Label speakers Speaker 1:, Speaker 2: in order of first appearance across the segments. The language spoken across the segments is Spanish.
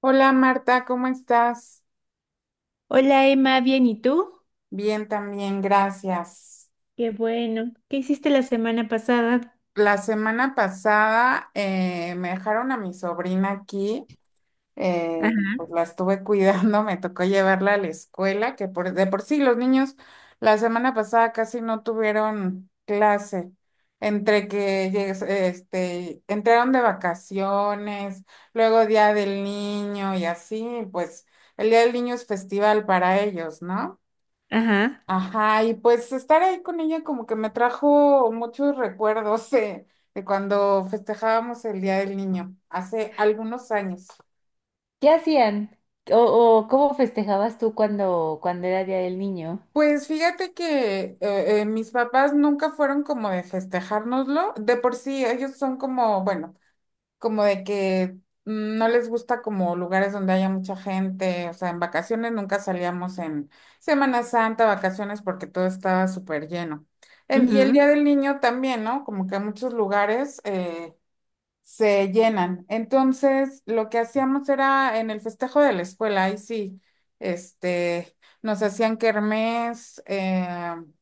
Speaker 1: Hola Marta, ¿cómo estás?
Speaker 2: Hola Emma, bien, ¿y tú?
Speaker 1: Bien también, gracias.
Speaker 2: Qué bueno. ¿Qué hiciste la semana pasada?
Speaker 1: La semana pasada me dejaron a mi sobrina aquí, eh,
Speaker 2: Ajá,
Speaker 1: pues la estuve cuidando, me tocó llevarla a la escuela, que por, de por sí los niños la semana pasada casi no tuvieron clase, entre que entraron de vacaciones, luego Día del Niño y así, pues el Día del Niño es festival para ellos, ¿no?
Speaker 2: ajá.
Speaker 1: Ajá, y pues estar ahí con ella como que me trajo muchos recuerdos de cuando festejábamos el Día del Niño, hace algunos años.
Speaker 2: ¿Qué hacían? ¿O, o cómo festejabas tú cuando era Día del Niño?
Speaker 1: Pues fíjate que mis papás nunca fueron como de festejárnoslo, de por sí ellos son como, bueno. Como de que no les gusta como lugares donde haya mucha gente, o sea, en vacaciones nunca salíamos en Semana Santa, vacaciones, porque todo estaba súper lleno. Y el
Speaker 2: Ujú.
Speaker 1: Día del Niño también, ¿no? Como que en muchos lugares, se llenan. Entonces, lo que hacíamos era en el festejo de la escuela, ahí sí, este, nos hacían kermés,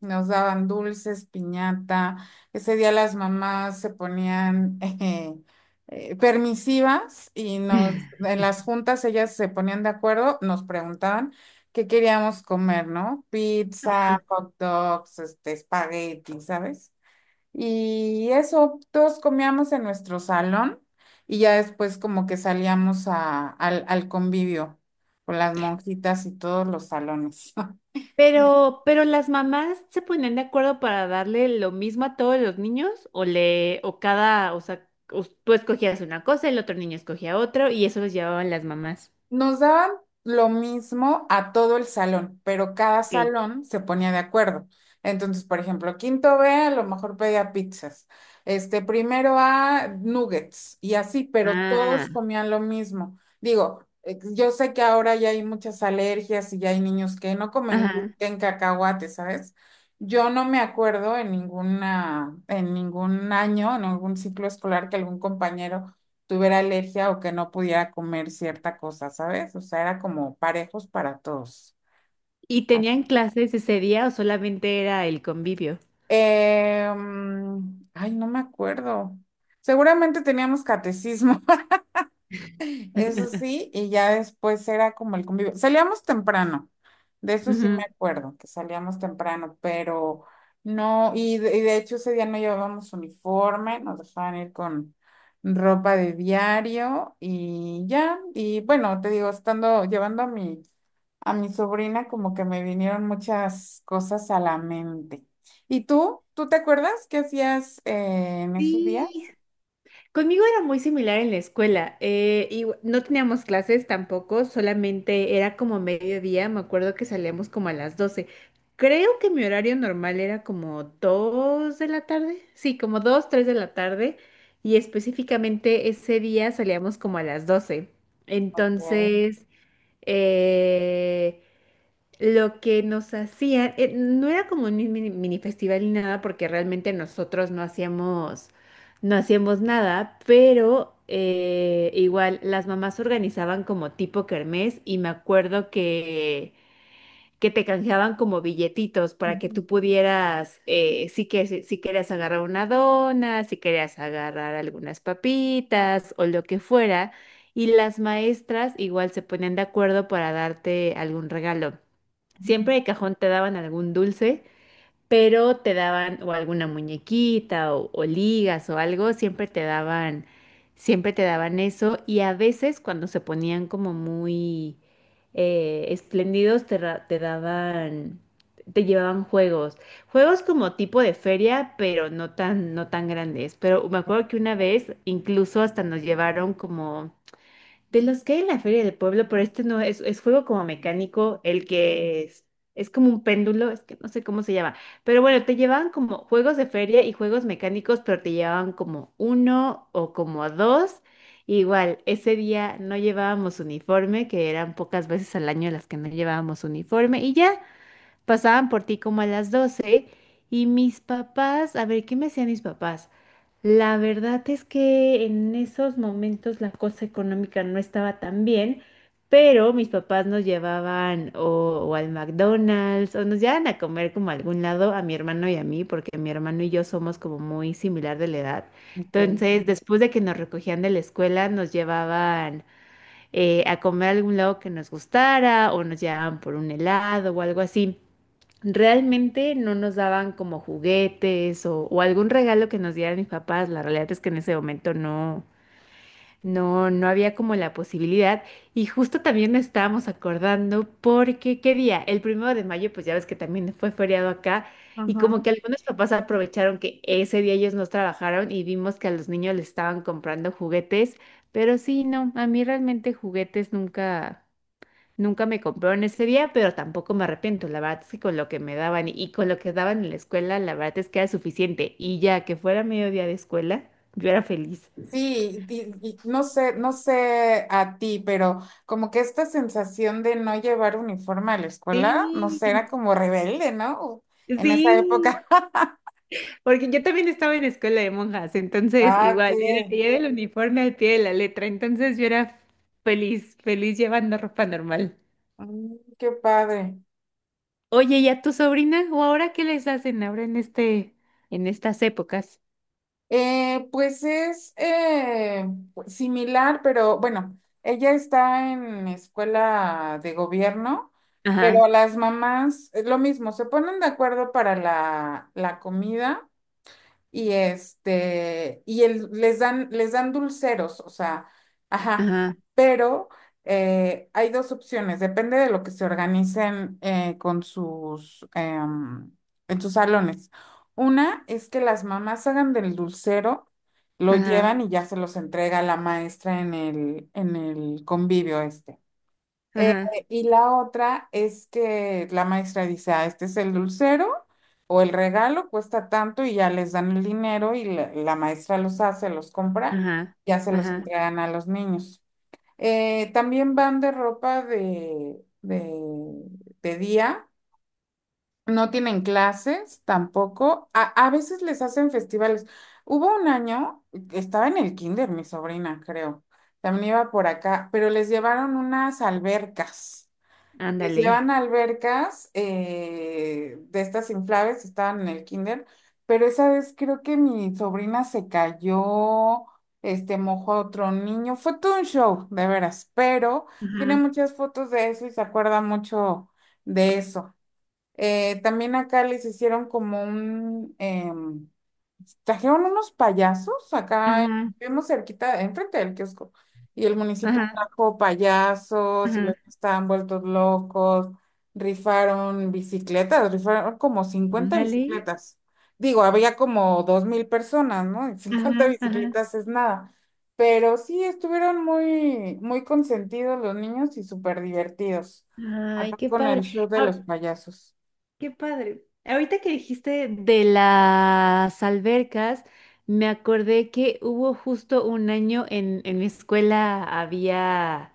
Speaker 1: nos daban dulces, piñata. Ese día las mamás se ponían permisivas en las juntas ellas se ponían de acuerdo, nos preguntaban qué queríamos comer, ¿no? Pizza, hot dogs, espagueti, ¿sabes? Y eso, todos comíamos en nuestro salón y ya después como que salíamos al convivio con las monjitas y todos los salones.
Speaker 2: Pero las mamás se ponen de acuerdo para darle lo mismo a todos los niños o le, o cada, o sea, tú escogías una cosa, el otro niño escogía otro y eso los llevaban las mamás.
Speaker 1: Nos daban lo mismo a todo el salón, pero cada
Speaker 2: Ok.
Speaker 1: salón se ponía de acuerdo. Entonces, por ejemplo, quinto B a lo mejor pedía pizzas, primero A nuggets y así, pero todos
Speaker 2: Ah,
Speaker 1: comían lo mismo. Digo, yo sé que ahora ya hay muchas alergias y ya hay niños que no comen
Speaker 2: ajá.
Speaker 1: gluten, cacahuate, ¿sabes? Yo no me acuerdo en ninguna, en ningún año, en algún ciclo escolar que algún compañero tuviera alergia o que no pudiera comer cierta cosa, ¿sabes? O sea, era como parejos para todos.
Speaker 2: ¿Y
Speaker 1: Así.
Speaker 2: tenían clases ese día o solamente era el convivio?
Speaker 1: Ay, no me acuerdo. Seguramente teníamos catecismo, eso sí, y ya después era como el convivio. Salíamos temprano, de eso sí me
Speaker 2: Ujú.
Speaker 1: acuerdo, que salíamos temprano, pero no, y de hecho ese día no llevábamos uniforme, nos dejaban ir con ropa de diario y ya, y bueno, te digo, estando, llevando a mi sobrina como que me vinieron muchas cosas a la mente. ¿Y tú? ¿Tú te acuerdas qué hacías en esos días?
Speaker 2: Sí, conmigo era muy similar en la escuela. Y no teníamos clases tampoco, solamente era como mediodía. Me acuerdo que salíamos como a las 12. Creo que mi horario normal era como 2 de la tarde. Sí, como 2, 3 de la tarde. Y específicamente ese día salíamos como a las 12.
Speaker 1: Bien.
Speaker 2: Entonces, eh, lo que nos hacían, no era como un mini, mini festival ni nada, porque realmente nosotros no hacíamos nada, pero igual las mamás organizaban como tipo kermés y me acuerdo que te canjeaban como billetitos para que
Speaker 1: Ujú.
Speaker 2: tú pudieras, si querías agarrar una dona, si querías agarrar algunas papitas o lo que fuera, y las maestras igual se ponían de acuerdo para darte algún regalo. Siempre de cajón te daban algún dulce, pero te daban o alguna muñequita o ligas o algo, siempre te daban eso y a veces cuando se ponían como muy espléndidos te daban, te llevaban juegos, juegos como tipo de feria, pero no tan grandes. Pero me acuerdo que una vez incluso hasta nos llevaron como de los que hay en la feria del pueblo, pero este no es, es juego como mecánico, es como un péndulo, es que no sé cómo se llama. Pero bueno, te llevaban como juegos de feria y juegos mecánicos, pero te llevaban como uno o como dos. Igual, ese día no llevábamos uniforme, que eran pocas veces al año las que no llevábamos uniforme, y ya pasaban por ti como a las 12 y mis papás, a ver, ¿qué me hacían mis papás? La verdad es que en esos momentos la cosa económica no estaba tan bien, pero mis papás nos llevaban o al McDonald's o nos llevaban a comer como a algún lado a mi hermano y a mí, porque mi hermano y yo somos como muy similar de la edad.
Speaker 1: Ok.
Speaker 2: Entonces, después de que nos recogían de la escuela, nos llevaban a comer a algún lado que nos gustara o nos llevaban por un helado o algo así. Realmente no nos daban como juguetes o algún regalo que nos dieran mis papás. La realidad es que en ese momento no, no, no había como la posibilidad. Y justo también nos estábamos acordando porque, ¿qué día? El primero de mayo, pues ya ves que también fue feriado acá. Y como
Speaker 1: Ajá.
Speaker 2: que algunos papás aprovecharon que ese día ellos no trabajaron y vimos que a los niños les estaban comprando juguetes. Pero sí, no, a mí realmente juguetes nunca, nunca me compraron ese día, pero tampoco me arrepiento. La verdad es que con lo que me daban y con lo que daban en la escuela, la verdad es que era suficiente. Y ya que fuera mediodía de escuela, yo era feliz.
Speaker 1: Sí, y no sé, no sé a ti, pero como que esta sensación de no llevar uniforme a la escuela, no sé, era
Speaker 2: Sí.
Speaker 1: como rebelde, ¿no? En esa
Speaker 2: Sí,
Speaker 1: época.
Speaker 2: porque yo también estaba en escuela de monjas, entonces
Speaker 1: Ah, qué,
Speaker 2: igual era el uniforme al pie de la letra, entonces yo era feliz, feliz llevando ropa normal.
Speaker 1: Qué padre.
Speaker 2: Oye, ¿y a tu sobrina? ¿O ahora qué les hacen ahora en este, en estas épocas?
Speaker 1: Pues es pues, similar, pero bueno, ella está en escuela de gobierno,
Speaker 2: Ajá,
Speaker 1: pero las mamás, lo mismo, se ponen de acuerdo para la comida y y les dan dulceros, o sea, ajá,
Speaker 2: ajá,
Speaker 1: pero hay dos opciones, depende de lo que se organicen con sus, en sus salones. Una es que las mamás hagan del dulcero, lo
Speaker 2: ajá,
Speaker 1: llevan y ya se los entrega la maestra en el convivio este. Eh,
Speaker 2: ajá,
Speaker 1: y la otra es que la maestra dice, ah, este es el dulcero o el regalo, cuesta tanto y ya les dan el dinero y la maestra los hace, los compra,
Speaker 2: ajá,
Speaker 1: ya se los
Speaker 2: ajá,
Speaker 1: entregan a los niños. También van de ropa de día, no tienen clases tampoco, a veces les hacen festivales. Hubo un año, estaba en el kinder mi sobrina, creo, también iba por acá, pero les llevaron unas albercas. Les
Speaker 2: ándale.
Speaker 1: llevan a albercas de estas inflables, estaban en el kinder, pero esa vez creo que mi sobrina se cayó, mojó a otro niño, fue todo un show, de veras, pero tiene
Speaker 2: Ajá,
Speaker 1: muchas fotos de eso y se acuerda mucho de eso. También acá les hicieron trajeron unos payasos acá,
Speaker 2: ajá,
Speaker 1: vivimos cerquita, enfrente del kiosco, y el municipio
Speaker 2: ajá,
Speaker 1: trajo payasos y los
Speaker 2: ajá,
Speaker 1: que estaban vueltos locos, rifaron bicicletas, rifaron como cincuenta
Speaker 2: ándale.
Speaker 1: bicicletas. Digo, había como 2,000 personas, ¿no? Y 50
Speaker 2: Ajá, ajá.
Speaker 1: bicicletas es nada. Pero sí, estuvieron muy, muy consentidos los niños y súper divertidos,
Speaker 2: Ay,
Speaker 1: acá
Speaker 2: qué
Speaker 1: con el
Speaker 2: padre.
Speaker 1: show de los payasos.
Speaker 2: Qué padre. Ahorita que dijiste de las albercas, me acordé que hubo justo un año en mi escuela había.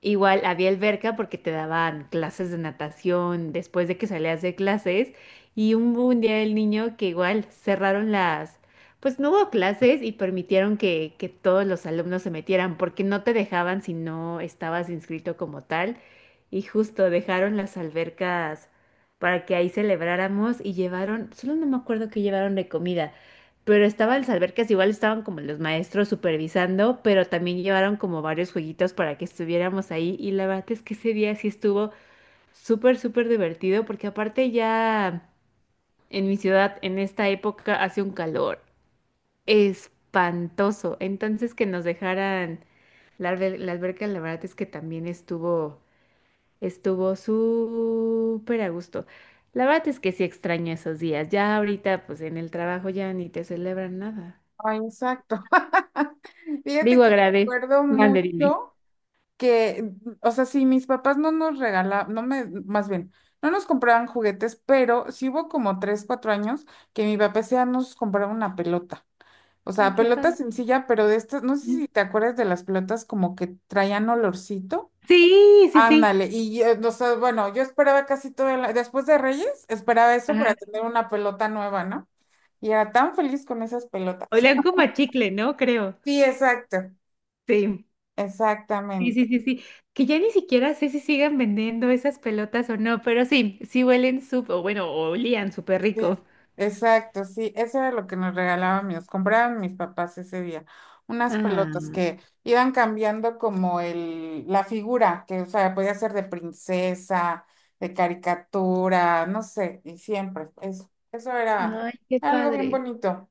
Speaker 2: Igual había alberca porque te daban clases de natación después de que salías de clases y un día el niño que igual cerraron las, pues no hubo clases y permitieron que todos los alumnos se metieran porque no te dejaban si no estabas inscrito como tal y justo dejaron las albercas para que ahí celebráramos y llevaron, solo no me acuerdo qué llevaron de comida, pero estaba en las albercas, igual estaban como los maestros supervisando, pero también llevaron como varios jueguitos para que estuviéramos ahí. Y la verdad es que ese día sí estuvo súper, súper divertido, porque aparte ya en mi ciudad, en esta época, hace un calor espantoso. Entonces que nos dejaran la alberca, la verdad es que también estuvo súper a gusto. La verdad es que sí extraño esos días. Ya ahorita, pues en el trabajo ya ni te celebran nada.
Speaker 1: Ay, exacto. Fíjate
Speaker 2: Digo,
Speaker 1: que
Speaker 2: agrade.
Speaker 1: recuerdo
Speaker 2: Mandarine.
Speaker 1: mucho. Que, o sea, sí, mis papás no nos regalaban, más bien, no nos compraban juguetes, pero sí hubo como 3, 4 años que mi papá sí nos compraba una pelota. O
Speaker 2: Ay,
Speaker 1: sea,
Speaker 2: qué
Speaker 1: pelota
Speaker 2: padre.
Speaker 1: sencilla, pero de estas, no sé
Speaker 2: Mm.
Speaker 1: si te acuerdas de las pelotas como que traían olorcito.
Speaker 2: Sí, sí, sí.
Speaker 1: Ándale, y o sea, bueno, yo esperaba casi todo después de Reyes, esperaba eso
Speaker 2: Ajá.
Speaker 1: para tener una pelota nueva, ¿no? Y era tan feliz con esas pelotas.
Speaker 2: Olían como a chicle, ¿no? Creo.
Speaker 1: Sí, exacto,
Speaker 2: Sí. Sí,
Speaker 1: exactamente.
Speaker 2: sí, sí, sí. Que ya ni siquiera sé si sigan vendiendo esas pelotas o no, pero sí, sí huelen súper, o bueno, olían súper
Speaker 1: Sí,
Speaker 2: rico.
Speaker 1: exacto, sí, eso era lo que nos regalaban nos compraban mis papás ese día, unas pelotas
Speaker 2: Ah,
Speaker 1: que iban cambiando como la figura, que o sea, podía ser de princesa, de caricatura, no sé, y siempre, eso era
Speaker 2: ay, qué
Speaker 1: algo bien
Speaker 2: padre.
Speaker 1: bonito.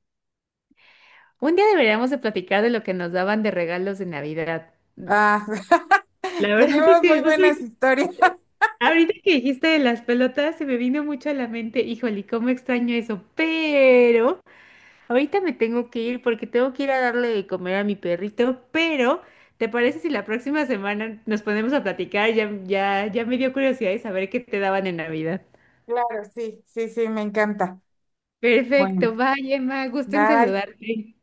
Speaker 2: Un día deberíamos de platicar de lo que nos daban de regalos de Navidad.
Speaker 1: Ah,
Speaker 2: La verdad es
Speaker 1: tenemos
Speaker 2: que
Speaker 1: muy
Speaker 2: justo
Speaker 1: buenas
Speaker 2: ahorita
Speaker 1: historias.
Speaker 2: ahorita que dijiste de las pelotas se me vino mucho a la mente, híjole, cómo extraño eso, pero ahorita me tengo que ir porque tengo que ir a darle de comer a mi perrito, pero ¿te parece si la próxima semana nos ponemos a platicar? Ya, ya, ya me dio curiosidad de saber qué te daban en Navidad.
Speaker 1: Claro, sí, sí, sí, me encanta.
Speaker 2: Perfecto,
Speaker 1: Bueno,
Speaker 2: vaya, Emma, gusto en
Speaker 1: bye.
Speaker 2: saludarte.